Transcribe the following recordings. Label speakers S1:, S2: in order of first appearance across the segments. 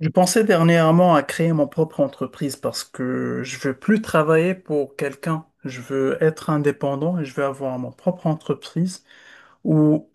S1: Je pensais dernièrement à créer mon propre entreprise parce que je veux plus travailler pour quelqu'un. Je veux être indépendant et je veux avoir mon propre entreprise où,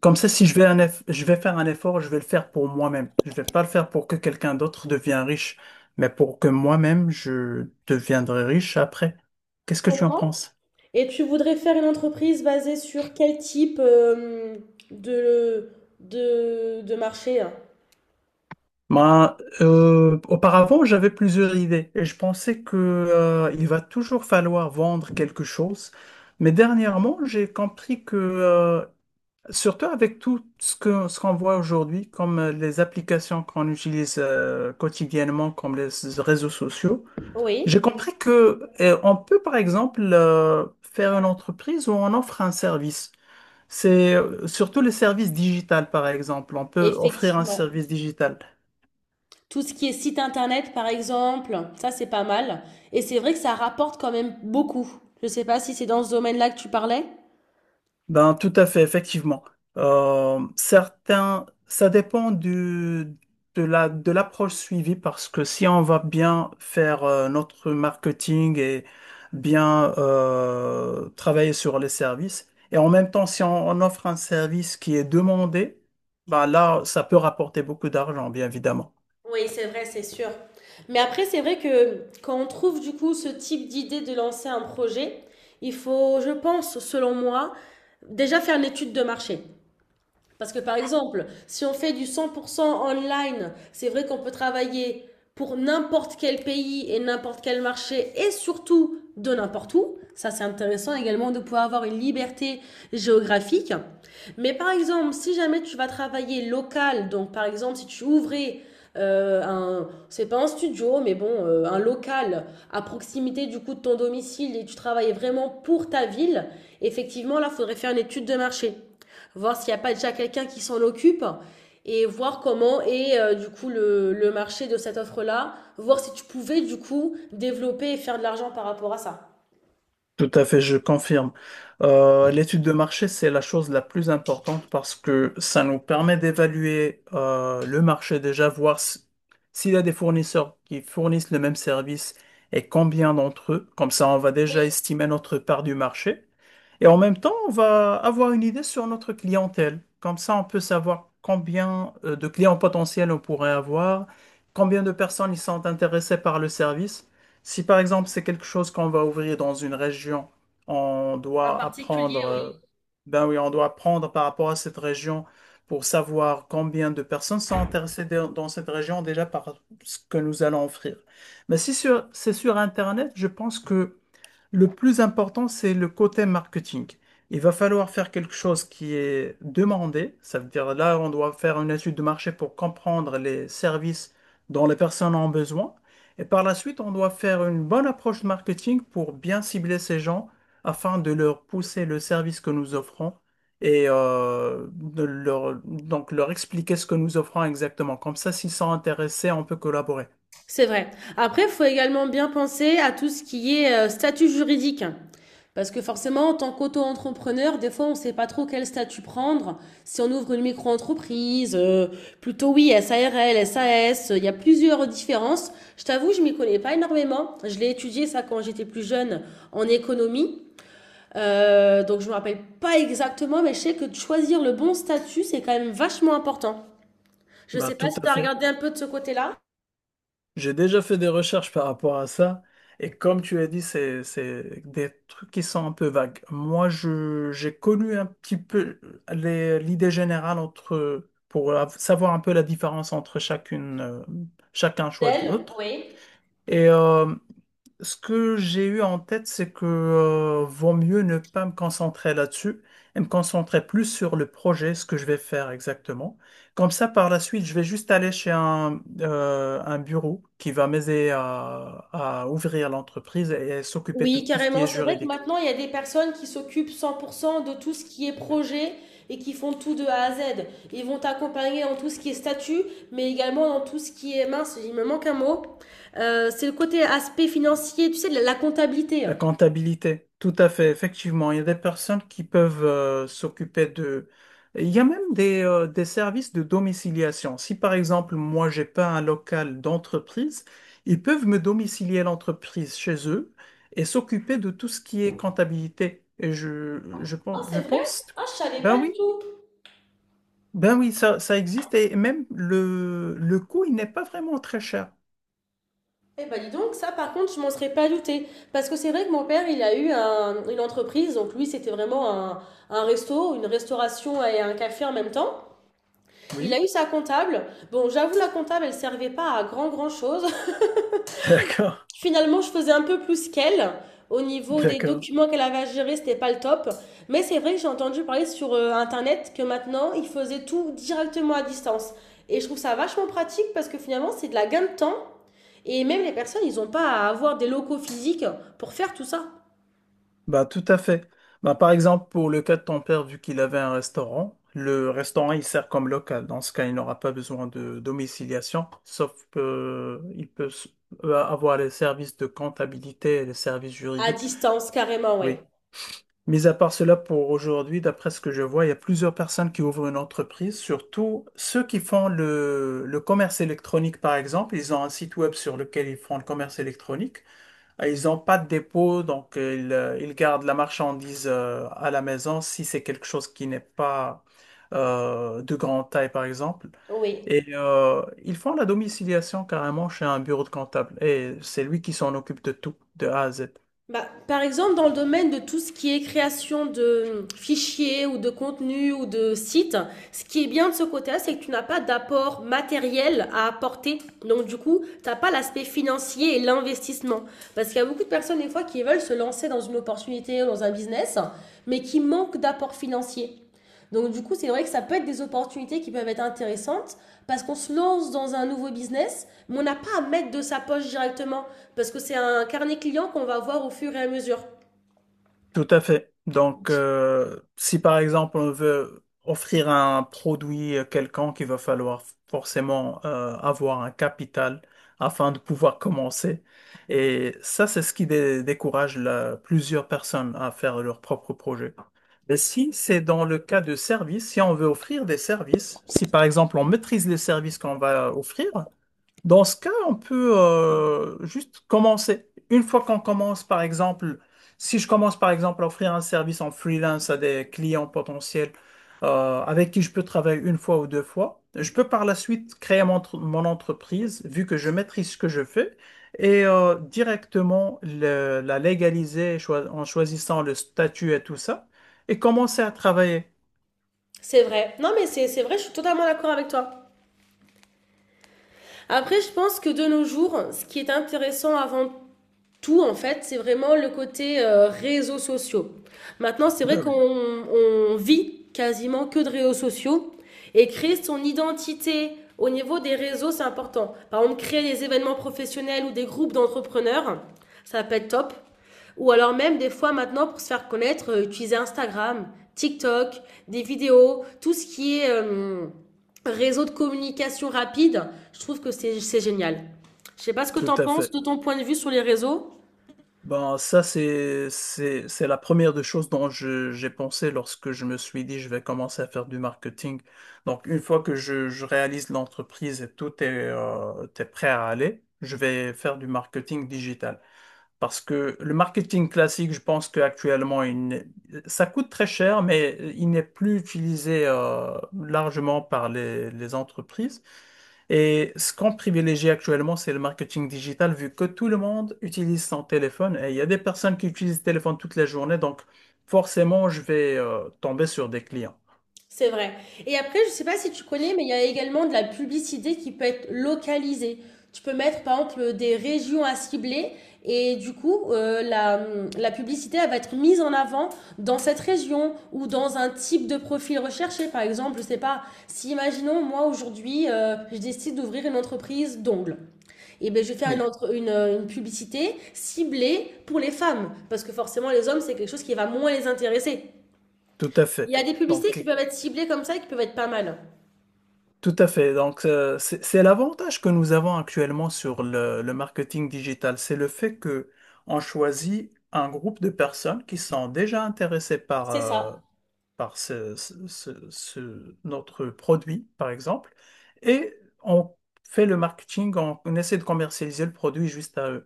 S1: comme ça, si je vais je vais faire un effort, je vais le faire pour moi-même. Je vais pas le faire pour que quelqu'un d'autre devienne riche, mais pour que moi-même je deviendrai riche après.
S2: Je
S1: Qu'est-ce que tu en
S2: comprends.
S1: penses?
S2: Et tu voudrais faire une entreprise basée sur quel type de, de marché? Hein
S1: Ben, auparavant, j'avais plusieurs idées et je pensais que, il va toujours falloir vendre quelque chose. Mais dernièrement, j'ai compris que, surtout avec ce qu'on voit aujourd'hui, comme les applications qu'on utilise, quotidiennement, comme les réseaux sociaux, j'ai
S2: Oui,
S1: compris que, on peut, par exemple, faire une entreprise où on offre un service. C'est surtout les services digitales, par exemple. On peut offrir un
S2: effectivement.
S1: service digital.
S2: Tout ce qui est site internet, par exemple, ça c'est pas mal. Et c'est vrai que ça rapporte quand même beaucoup. Je sais pas si c'est dans ce domaine-là que tu parlais.
S1: Ben, tout à fait, effectivement. Certains, ça dépend de la, de l'approche suivie parce que si on va bien faire notre marketing et bien travailler sur les services, et en même temps, si on offre un service qui est demandé, ben là, ça peut rapporter beaucoup d'argent, bien évidemment.
S2: Oui, c'est vrai, c'est sûr. Mais après, c'est vrai que quand on trouve du coup ce type d'idée de lancer un projet, il faut, je pense, selon moi, déjà faire une étude de marché. Parce que par exemple, si on fait du 100% online, c'est vrai qu'on peut travailler pour n'importe quel pays et n'importe quel marché et surtout de n'importe où. Ça, c'est intéressant également de pouvoir avoir une liberté géographique. Mais par exemple, si jamais tu vas travailler local, donc par exemple, si tu ouvrais c'est pas un studio, mais bon, un local à proximité du coup de ton domicile et tu travaillais vraiment pour ta ville, effectivement, là, il faudrait faire une étude de marché, voir s'il n'y a pas déjà quelqu'un qui s'en occupe et voir comment est du coup le marché de cette offre-là, voir si tu pouvais du coup développer et faire de l'argent par rapport à ça.
S1: Tout à fait, je confirme. L'étude de marché, c'est la chose la plus importante parce que ça nous permet d'évaluer le marché déjà, s'il y a des fournisseurs qui fournissent le même service et combien d'entre eux. Comme ça, on va déjà estimer notre part du marché. Et en même temps, on va avoir une idée sur notre clientèle. Comme ça, on peut savoir combien de clients potentiels on pourrait avoir, combien de personnes ils sont intéressées par le service. Si par exemple c'est quelque chose qu'on va ouvrir dans une région, on
S2: En
S1: doit
S2: particulier,
S1: apprendre,
S2: oui.
S1: ben oui, on doit apprendre par rapport à cette région pour savoir combien de personnes sont intéressées dans cette région déjà par ce que nous allons offrir. Mais si sur- c'est sur Internet, je pense que le plus important, c'est le côté marketing. Il va falloir faire quelque chose qui est demandé. Ça veut dire là, on doit faire une étude de marché pour comprendre les services dont les personnes ont besoin. Et par la suite, on doit faire une bonne approche de marketing pour bien cibler ces gens afin de leur pousser le service que nous offrons et donc leur expliquer ce que nous offrons exactement. Comme ça, s'ils sont intéressés, on peut collaborer.
S2: C'est vrai. Après, il faut également bien penser à tout ce qui est statut juridique. Parce que forcément, en tant qu'auto-entrepreneur, des fois, on ne sait pas trop quel statut prendre. Si on ouvre une micro-entreprise, plutôt oui, SARL, SAS, il y a plusieurs différences. Je t'avoue, je ne m'y connais pas énormément. Je l'ai étudié ça quand j'étais plus jeune, en économie. Donc je ne me rappelle pas exactement, mais je sais que de choisir le bon statut, c'est quand même vachement important. Je ne
S1: Bah,
S2: sais pas
S1: tout
S2: si tu
S1: à
S2: as
S1: fait.
S2: regardé un peu de ce côté-là.
S1: J'ai déjà fait des recherches par rapport à ça, et comme tu as dit, c'est des trucs qui sont un peu vagues. Moi, j'ai connu un petit peu l'idée générale entre, savoir un peu la différence entre chacune, chacun choix de
S2: D'elle,
S1: l'autre.
S2: oui.
S1: Et ce que j'ai eu en tête, c'est que vaut mieux ne pas me concentrer là-dessus et me concentrer plus sur le projet, ce que je vais faire exactement. Comme ça, par la suite, je vais juste aller chez un bureau qui va m'aider à ouvrir l'entreprise et s'occuper de
S2: Oui,
S1: tout ce qui
S2: carrément.
S1: est
S2: C'est vrai que
S1: juridique.
S2: maintenant, il y a des personnes qui s'occupent 100% de tout ce qui est projet et qui font tout de A à Z. Ils vont t'accompagner dans tout ce qui est statut, mais également dans tout ce qui est mince. Il me manque un mot. C'est le côté aspect financier, tu sais, de la comptabilité.
S1: La comptabilité, tout à fait, effectivement. Il y a des personnes qui peuvent s'occuper de... Il y a même des services de domiciliation. Si par exemple, moi, j'ai pas un local d'entreprise, ils peuvent me domicilier l'entreprise chez eux et s'occuper de tout ce qui est comptabilité. Et
S2: Oh,
S1: je
S2: c'est vrai?
S1: pense...
S2: Ah, je savais
S1: Ben
S2: pas du
S1: oui,
S2: tout.
S1: ben oui, ça existe et même le coût, il n'est pas vraiment très cher.
S2: Eh ben, dis donc, ça, par contre, je m'en serais pas douté. Parce que c'est vrai que mon père, il a eu une entreprise. Donc, lui, c'était vraiment un resto, une restauration et un café en même temps. Il a
S1: Oui,
S2: eu sa comptable. Bon, j'avoue, la comptable, elle servait pas à grand grand chose.
S1: d'accord,
S2: Finalement, je faisais un peu plus qu'elle. Au niveau des
S1: d'accord.
S2: documents qu'elle avait à gérer, c'était pas le top. Mais c'est vrai que j'ai entendu parler sur Internet que maintenant, ils faisaient tout directement à distance. Et je trouve ça vachement pratique parce que finalement, c'est de la gain de temps. Et même les personnes, ils n'ont pas à avoir des locaux physiques pour faire tout ça.
S1: Bah, tout à fait. Bah, par exemple, pour le cas de ton père, vu qu'il avait un restaurant, le restaurant, il sert comme local. Dans ce cas, il n'aura pas besoin de domiciliation, sauf qu'il peut avoir les services de comptabilité et les services
S2: À
S1: juridiques.
S2: distance, carrément, ouais.
S1: Oui. Mis à part cela, pour aujourd'hui, d'après ce que je vois, il y a plusieurs personnes qui ouvrent une entreprise, surtout ceux qui font le commerce électronique, par exemple. Ils ont un site web sur lequel ils font le commerce électronique. Ils n'ont pas de dépôt, donc ils gardent la marchandise à la maison si c'est quelque chose qui n'est pas de grande taille, par exemple.
S2: Oui.
S1: Et ils font la domiciliation carrément chez un bureau de comptable. Et c'est lui qui s'en occupe de tout, de A à Z.
S2: Bah, par exemple, dans le domaine de tout ce qui est création de fichiers ou de contenus ou de sites, ce qui est bien de ce côté-là, c'est que tu n'as pas d'apport matériel à apporter. Donc, du coup, tu n'as pas l'aspect financier et l'investissement. Parce qu'il y a beaucoup de personnes, des fois, qui veulent se lancer dans une opportunité ou dans un business, mais qui manquent d'apport financier. Donc, du coup, c'est vrai que ça peut être des opportunités qui peuvent être intéressantes, parce qu'on se lance dans un nouveau business, mais on n'a pas à mettre de sa poche directement. Parce que c'est un carnet client qu'on va voir au fur et à mesure.
S1: Tout à fait. Donc, si par exemple on veut offrir un produit quelconque, il va falloir forcément avoir un capital afin de pouvoir commencer. Et ça, c'est ce qui décourage plusieurs personnes à faire leur propre projet. Mais si c'est dans le cas de services, si on veut offrir des services, si par exemple on maîtrise les services qu'on va offrir, dans ce cas, on peut juste commencer. Une fois qu'on commence, par exemple, si je commence, par exemple, à offrir un service en freelance à des clients potentiels avec qui je peux travailler une fois ou deux fois, je peux par la suite créer mon entreprise, vu que je maîtrise ce que je fais, et directement la légaliser en choisissant le statut et tout ça, et commencer à travailler.
S2: C'est vrai. Non, mais c'est vrai, je suis totalement d'accord avec toi. Après, je pense que de nos jours, ce qui est intéressant avant tout, en fait, c'est vraiment le côté réseaux sociaux. Maintenant, c'est vrai
S1: Ben
S2: qu'on
S1: oui,
S2: on vit quasiment que de réseaux sociaux et créer son identité au niveau des réseaux, c'est important. Par exemple, créer des événements professionnels ou des groupes d'entrepreneurs, ça peut être top. Ou alors même des fois maintenant pour se faire connaître, utiliser Instagram, TikTok, des vidéos, tout ce qui est réseau de communication rapide, je trouve que c'est génial. Je sais pas ce que tu
S1: tout
S2: en
S1: à
S2: penses
S1: fait.
S2: de ton point de vue sur les réseaux.
S1: Ben, ça, c'est la première des choses dont j'ai pensé lorsque je me suis dit, je vais commencer à faire du marketing. Donc, une fois que je réalise l'entreprise et tout est, t'es prêt à aller, je vais faire du marketing digital. Parce que le marketing classique, je pense qu'actuellement, il n'est- ça coûte très cher, mais il n'est plus utilisé largement par les entreprises. Et ce qu'on privilégie actuellement, c'est le marketing digital, vu que tout le monde utilise son téléphone. Et il y a des personnes qui utilisent le téléphone toute la journée, donc forcément, je vais tomber sur des clients.
S2: C'est vrai. Et après, je sais pas si tu connais, mais il y a également de la publicité qui peut être localisée. Tu peux mettre, par exemple, des régions à cibler et du coup, la publicité, elle va être mise en avant dans cette région ou dans un type de profil recherché. Par exemple, je sais pas, si imaginons, moi, aujourd'hui, je décide d'ouvrir une entreprise d'ongles. Et ben, je vais faire
S1: Oui,
S2: une publicité ciblée pour les femmes parce que forcément, les hommes, c'est quelque chose qui va moins les intéresser.
S1: tout à fait.
S2: Il y a des publicités qui
S1: Donc,
S2: peuvent être ciblées comme ça et qui peuvent être pas mal.
S1: Tout à fait. Donc, c'est l'avantage que nous avons actuellement sur le marketing digital. C'est le fait que on choisit un groupe de personnes qui sont déjà intéressées par,
S2: C'est ça.
S1: par notre produit, par exemple, et on fait le marketing, on essaie de commercialiser le produit juste à eux.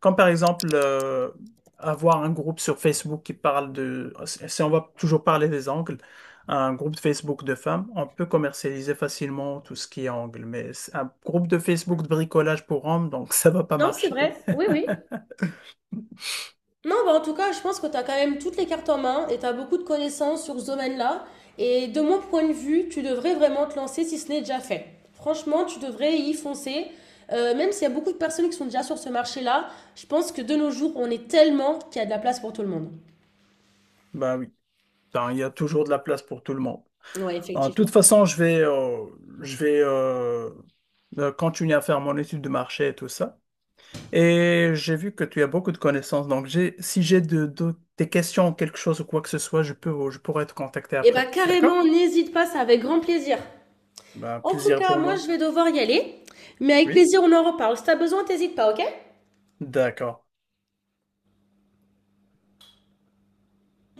S1: Comme par exemple, avoir un groupe sur Facebook qui parle de, si on va toujours parler des angles, un groupe de Facebook de femmes, on peut commercialiser facilement tout ce qui est angle, mais c'est un groupe de Facebook de bricolage pour hommes, donc ça va pas
S2: Non, c'est
S1: marcher.
S2: vrai. Oui, oui. Non, bah en tout cas, je pense que tu as quand même toutes les cartes en main et tu as beaucoup de connaissances sur ce domaine-là. Et de mon point de vue, tu devrais vraiment te lancer si ce n'est déjà fait. Franchement, tu devrais y foncer. Même s'il y a beaucoup de personnes qui sont déjà sur ce marché-là, je pense que de nos jours, on est tellement qu'il y a de la place pour tout le monde.
S1: Bah oui, ben, il y a toujours de la place pour tout le monde.
S2: Ouais,
S1: En toute
S2: effectivement.
S1: façon, je vais continuer à faire mon étude de marché et tout ça. Et j'ai vu que tu as beaucoup de connaissances, donc j'ai, si j'ai des questions, quelque chose ou quoi que ce soit, je pourrais te contacter
S2: Et bah
S1: après.
S2: carrément,
S1: D'accord?
S2: n'hésite pas, c'est avec grand plaisir.
S1: Ben,
S2: En tout
S1: plaisir
S2: cas,
S1: pour
S2: moi,
S1: moi.
S2: je vais devoir y aller. Mais avec
S1: Oui?
S2: plaisir, on en reparle. Si t'as besoin, t'hésites pas, ok?
S1: D'accord.